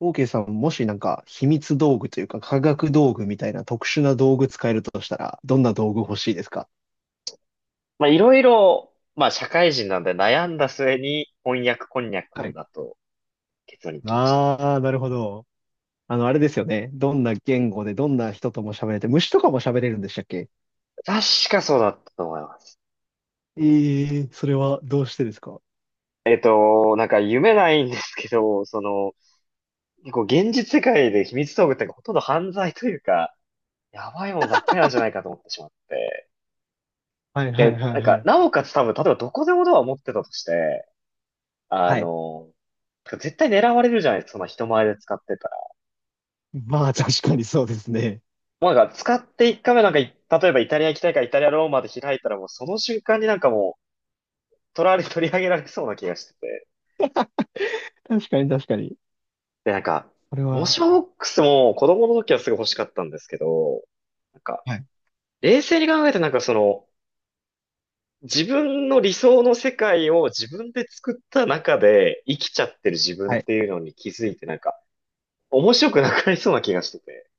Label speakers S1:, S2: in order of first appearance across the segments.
S1: オーケーさん、もし秘密道具というか科学道具みたいな特殊な道具使えるとしたら、どんな道具欲しいですか？
S2: まあ、いろいろ、まあ、社会人なんで悩んだ末に、翻訳こんにゃ
S1: は
S2: く
S1: い。
S2: だと結論に来ましたね。
S1: ああ、なるほど。あれですよね。どんな言語でどんな人とも喋れて、虫とかも喋れるんでしたっけ？
S2: 確かそうだったと思います。
S1: ええ、それはどうしてですか？
S2: なんか夢ないんですけど、その、結構現実世界で秘密道具ってほとんど犯罪というか、やばいもんばっかりなんじゃないかと思ってしまって。
S1: はいはいは
S2: で、
S1: い
S2: なん
S1: は
S2: か、
S1: い。
S2: なおかつ多分、例えばどこでもドアを持ってたとして、あ
S1: はい。
S2: の、絶対狙われるじゃないですか、その人前で使ってたら。
S1: まあ、確かにそうですね。
S2: もうなんか使って1回目なんかい、例えばイタリア行きたいからイタリアローマで開いたらもうその瞬間になんかもう取り上げられそうな気がしてて。
S1: 確かに確かに。
S2: で、なんか、
S1: これ
S2: モ
S1: は、
S2: ションボックスも子供の時はすごい欲しかったんですけど、なんか、
S1: はい。
S2: 冷静に考えてなんかその、自分の理想の世界を自分で作った中で生きちゃってる自分っ
S1: はい。
S2: ていうのに気づいてなんか、面白くなくなりそうな気がしてて。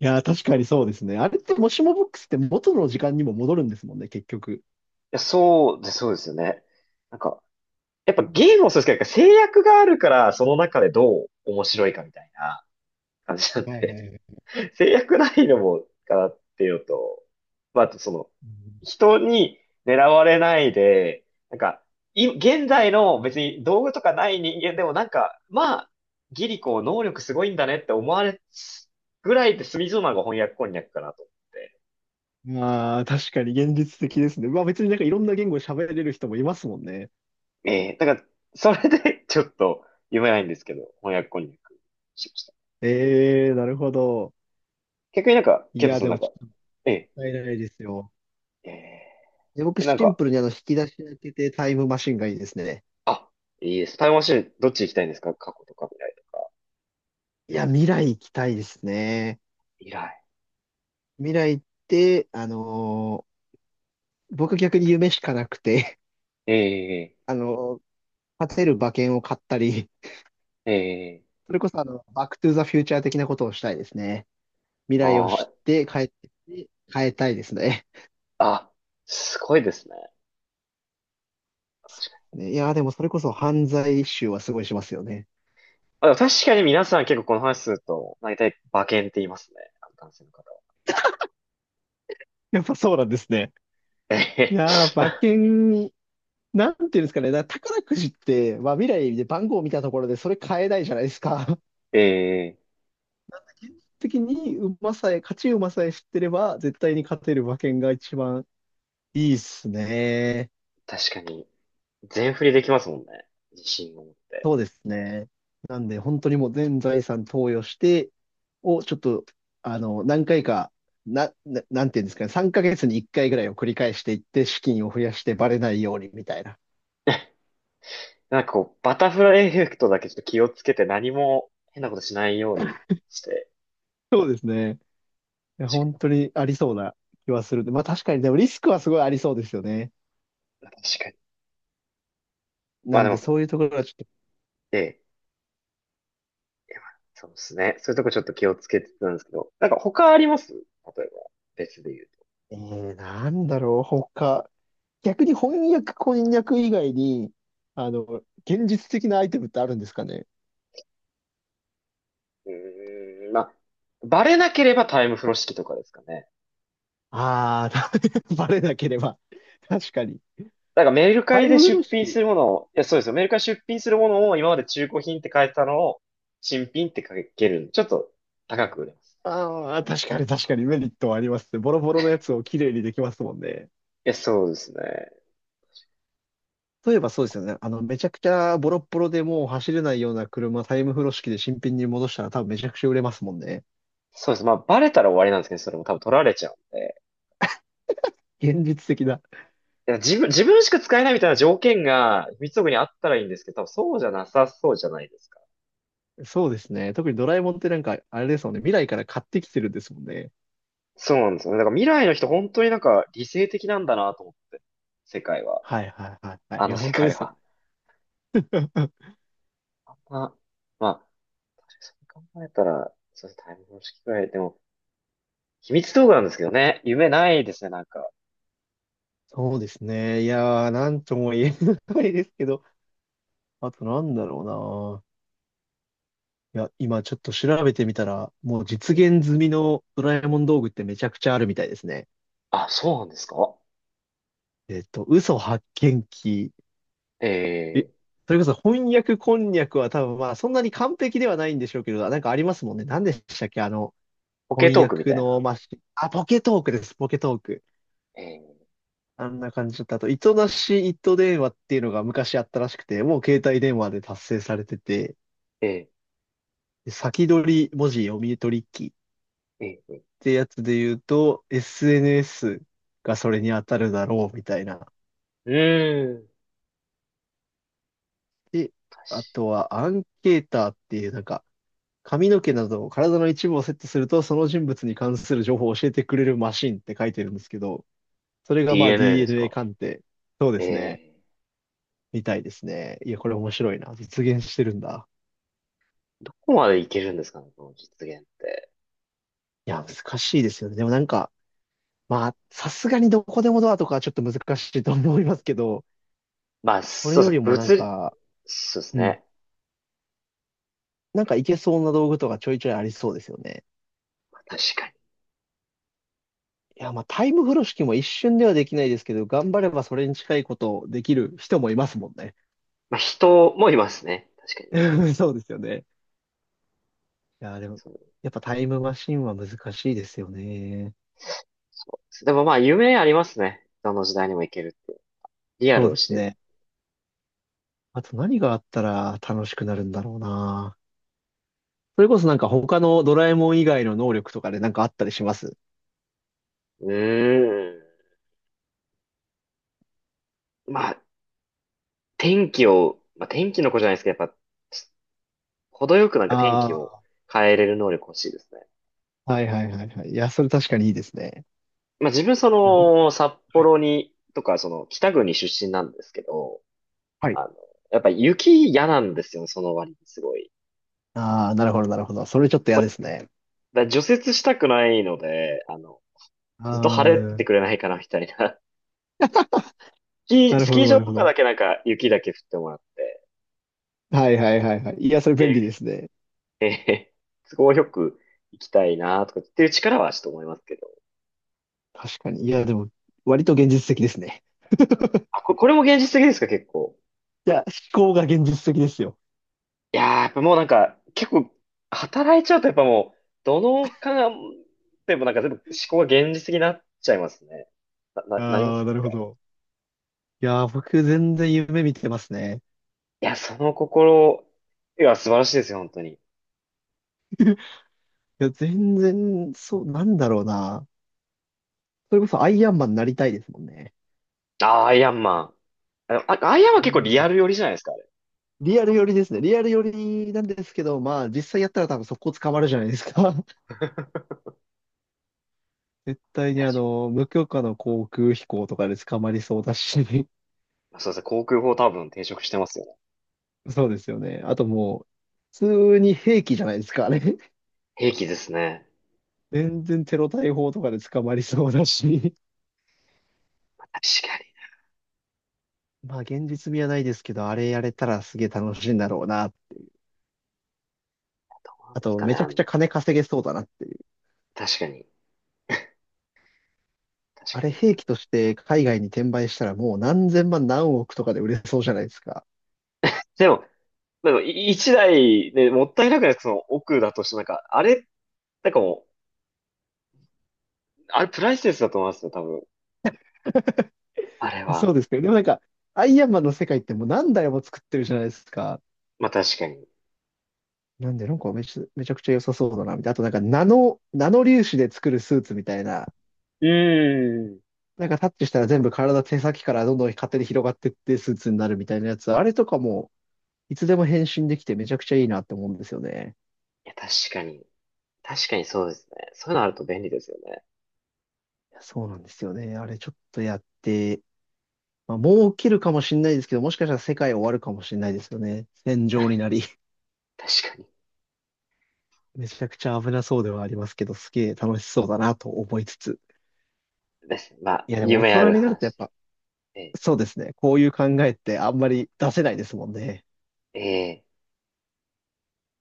S1: いやー、確かにそうですね。あれって、もしもボックスって元の時間にも戻るんですもんね、結局。
S2: いや、そうですよね。なんか、やっぱ
S1: うん。
S2: ゲームもそうですけど、制約があるから、その中でどう面白いかみたいな感じなん
S1: はいは
S2: で、
S1: いはい。
S2: 制約ないのもかなっていうのと、まあ、あとその、
S1: うん。
S2: 人に狙われないで、なんか、現在の別に道具とかない人間でもなんか、まあ、ギリコ能力すごいんだねって思われぐらいで済みそうなのが翻訳こんにゃくかなと思って。
S1: まあ、確かに現実的ですね。まあ別にいろんな言語喋れる人もいますもんね。
S2: ええだから、それでちょっと読めないんですけど、翻訳こんにゃくしました。
S1: ええー、なるほど。
S2: 逆になんか、
S1: い
S2: ケイト
S1: や、
S2: さん
S1: で
S2: なん
S1: もち
S2: か、
S1: ょっともっ
S2: ええ、
S1: たいないですよ。
S2: え
S1: で、僕
S2: え、なん
S1: シン
S2: か、
S1: プルに引き出し開けてタイムマシンがいいですね。
S2: あ、いいです。タイムマシン、どっち行きたいんですか過去とか未来とか。
S1: いや、未来行きたいですね。
S2: 未来。
S1: 未来って、僕逆に夢しかなくて、
S2: ええ、
S1: あのー勝てる馬券を買ったり、
S2: ええ、
S1: それこそバックトゥーザフューチャー的なことをしたいですね。未
S2: あ
S1: 来を知
S2: ー、
S1: って帰ってきて変えたいですね。
S2: あ、すごいですね。
S1: ね、いやー、でもそれこそ犯罪集はすごいしますよね。
S2: あ、でも確かに皆さん結構この話すると、大体馬券って言いますね。あの男性の方は。
S1: やっぱそうなんですね。
S2: え
S1: い
S2: え、
S1: やー、馬券、なんていうんですかね、だから宝くじって、まあ、未来で番号を見たところでそれ買えないじゃないですか。
S2: ええ、
S1: 時に馬さえ、勝ち馬さえ知ってれば、絶対に勝てる馬券が一番いいっすね。
S2: 確かに、全振りできますもんね。自信を持って。
S1: そうですね。なんで、本当にもう全財産投与して、をちょっと、何回か、なんていうんですかね、3ヶ月に1回ぐらいを繰り返していって、資金を増やしてバレないようにみたいな。
S2: なんかこう、バタフライエフェクトだけちょっと気をつけて何も変なことしないようにして。
S1: そうですね。いや、
S2: 確か
S1: 本当にありそうな気はするんで。まあ確かに、でもリスクはすごいありそうですよね。
S2: に、確かに。ま
S1: な
S2: あ
S1: ん
S2: で
S1: で
S2: も、
S1: そういうところはちょっ
S2: ええ、いやまあそうですね。そういうとこちょっと気をつけてたんですけど、なんか他あります例えば、別で言うと。
S1: と、なんだろう、他。逆に翻訳、こんにゃく以外に、あの、現実的なアイテムってあるんですかね。
S2: うーん、まあ、バレなければタイム風呂敷とかですかね。
S1: ああ、バレなければ。確かに。
S2: だからメルカ
S1: タ
S2: リ
S1: イ
S2: で
S1: ム風呂
S2: 出品す
S1: 敷。
S2: るものを、いや、そうですよ。メルカリ出品するものを今まで中古品って書いてたのを、新品って書けるんで、ちょっと高く売れます。
S1: ああ、確かに確かにメリットはありますね。ボロボロのやつをきれいにできますもんね。
S2: いや、そうですね。
S1: 例えばそうですよね。めちゃくちゃボロッボロでもう走れないような車、タイム風呂式で新品に戻したら多分めちゃくちゃ売れますもんね。
S2: そうです。まあ、バレたら終わりなんですけど、それも多分取られちゃうんで。
S1: 現実的だ。
S2: いや、自分しか使えないみたいな条件が、三つ奥にあったらいいんですけど、多分そうじゃなさそうじゃないですか。
S1: そうですね。特にドラえもんって、あれですもんね。未来から買ってきてるんですもんね。
S2: そうなんですよね。だから未来の人本当になんか理性的なんだなと思って。世界は。
S1: はいはいはいはい。
S2: あ
S1: い
S2: の
S1: や、
S2: 世
S1: 本当で
S2: 界
S1: すよね。
S2: は。まあ、まあ、そう考えたら、そうですね、タイム方式くらい。でも、秘密道具なんですけどね。夢ないですね、なんか。
S1: そうですね。いやー、なんとも言えないですけど、あとなんだろうな。いや、今ちょっと調べてみたら、もう
S2: う
S1: 実
S2: ん、
S1: 現済みのドラえもん道具ってめちゃくちゃあるみたいですね。
S2: あ、そうなんですか。
S1: えっと、嘘発見器、え、
S2: ええ、
S1: それこそ翻訳こんにゃくは多分まあそんなに完璧ではないんでしょうけど、ありますもんね。何でしたっけ
S2: ポケ
S1: 翻
S2: トークみ
S1: 訳
S2: たい
S1: の
S2: な。
S1: マシン。あ、ポケトークです、ポケトーク。
S2: え
S1: あんな感じだったあと、糸なし糸電話っていうのが昔あったらしくて、もう携帯電話で達成されてて、
S2: え、え
S1: で先取り文字読み取り機っ
S2: ー、えー、え
S1: てやつで言うと、SNS がそれに当たるだろうみたいな。
S2: ー、うーん。
S1: で、
S2: 確か
S1: あとはアンケーターっていう髪の毛など体の一部をセットすると、その人物に関する情報を教えてくれるマシンって書いてるんですけど、それがまあ
S2: DNA です
S1: DNA
S2: か。
S1: 鑑定。そうで
S2: え
S1: すね。
S2: え、
S1: みたいですね。いや、これ面白いな。実現してるんだ。
S2: どこまでいけるんですかね、この実現って。
S1: いや、難しいですよね。でもまあ、さすがにどこでもドアとかはちょっと難しいと思いますけど、
S2: まあ、
S1: これ
S2: そうで
S1: よ
S2: す
S1: り
S2: ね、
S1: も
S2: 物理、そうです
S1: うん。
S2: ね。
S1: いけそうな道具とかちょいちょいありそうですよね。
S2: まあ確かに。
S1: いや、まあ、タイム風呂敷も一瞬ではできないですけど、頑張ればそれに近いことできる人もいますもんね。
S2: まあ、人もいますね。確かに。
S1: そうですよね。いやー、でも、
S2: そう、
S1: やっぱタイムマシンは難しいですよね。
S2: そうです。でもまあ、夢ありますね。どの時代にも行けるって。リア
S1: そう
S2: ルを
S1: です
S2: してる。
S1: ね。あと何があったら楽しくなるんだろうな。それこそ他のドラえもん以外の能力とかであったりします？
S2: うーん。まあ、天気を、まあ、天気の子じゃないですけど、やっぱ、程よくなんか天気を
S1: あ
S2: 変えれる能力欲しいですね。
S1: あー、はいはいはいはい。いや、それ確かにいいですね。
S2: まあ、自分そ
S1: いや、僕、
S2: の、札
S1: はい。
S2: 幌に、とか、その、北国出身なんですけど、
S1: はい。
S2: あの、やっぱ雪嫌なんですよね、その割にすごい。
S1: ああ、なるほどなるほど。それちょっと嫌
S2: まあ、
S1: で
S2: だか
S1: すね。
S2: ら除雪したくないので、あの、
S1: あ
S2: ずっと晴れて
S1: あ、
S2: てくれないかな、みたいな
S1: なる
S2: ス
S1: ほ
S2: キー
S1: どな
S2: 場
S1: る
S2: と
S1: ほ
S2: かだ
S1: ど。
S2: けなんか雪だけ降ってもらって、
S1: はいはいはいはい。いや、それ便利で
S2: で、
S1: すね。
S2: え都合よく行きたいなとかっていう力はちょっと思いますけど。
S1: 確かに。いや、でも、割と現実的ですね。
S2: あ、これも現実的ですか、結構。
S1: いや、思考が現実的ですよ。
S2: いやー、やっぱもうなんか、結構、働いちゃうとやっぱもう、どのかでもなんか全部思考が現実的になっちゃいますね。なりま
S1: ああ、
S2: せん
S1: なるほ
S2: か。い
S1: ど。いやー、僕全然夢見てますね。
S2: や、その心、いや、素晴らしいですよ、本当に。
S1: いや、全然、そう、なんだろうな。それこそアイアンマンになりたいですもんね。
S2: あー、アイアンマン。あの、アイアンマ
S1: ア
S2: ン結
S1: イ
S2: 構
S1: アン
S2: リ
S1: マ
S2: ア
S1: ン。
S2: ル寄りじゃないですか、あれ。
S1: リアル寄りですね。リアル寄りなんですけど、まあ、実際やったら多分速攻捕まるじゃないですか。絶対に
S2: 確か
S1: 無許可の航空飛行とかで捕まりそうだし。
S2: に。そうですね、航空法多分転職してますよね。
S1: そうですよね。あともう、普通に兵器じゃないですか、あれ。
S2: 兵器ですね。
S1: 全然テロ対法とかで捕まりそうだし。
S2: 確かに。
S1: まあ、現実味はないですけど、あれやれたらすげえ楽しいんだろうな。
S2: どうなん
S1: あ
S2: です
S1: と、
S2: か
S1: め
S2: ね、
S1: ちゃ
S2: あ
S1: く
S2: の、
S1: ちゃ金稼げそうだなっていう。
S2: 確かに。確
S1: あ
S2: か
S1: れ、
S2: に。
S1: 兵器として海外に転売したらもう何千万何億とかで売れそうじゃないですか。
S2: でも、でも、一台ね、もったいなくないその奥だとして、なんか、あれ、なんかもう、あれプライスレスだと思いますよ、多分。あれ
S1: そ
S2: は。
S1: うですけど、でもアイアンマンの世界ってもう何台も作ってるじゃないですか。
S2: まあ確かに。う
S1: なんで、めちゃくちゃ良さそうだな、みたいな。あとナノ粒子で作るスーツみたいな。
S2: ーん。い
S1: タッチしたら全部体手先からどんどん勝手に広がってってスーツになるみたいなやつ。あれとかも、いつでも変身できてめちゃくちゃいいなって思うんですよね。
S2: や、確かに。確かにそうですね。そういうのあると便利ですよね。
S1: いやそうなんですよね。あれちょっとやって、まあ、もう起きるかもしれないですけど、もしかしたら世界終わるかもしれないですよね。戦場になり。
S2: 確かに。
S1: めちゃくちゃ危なそうではありますけど、すげえ楽しそうだなと思いつつ。
S2: です。まあ、
S1: いや、でも大
S2: 夢あ
S1: 人
S2: る
S1: になるとや
S2: 話
S1: っ
S2: で。
S1: ぱ、
S2: ええ。
S1: そうですね。こういう考えってあんまり出せないですもんね。
S2: ええ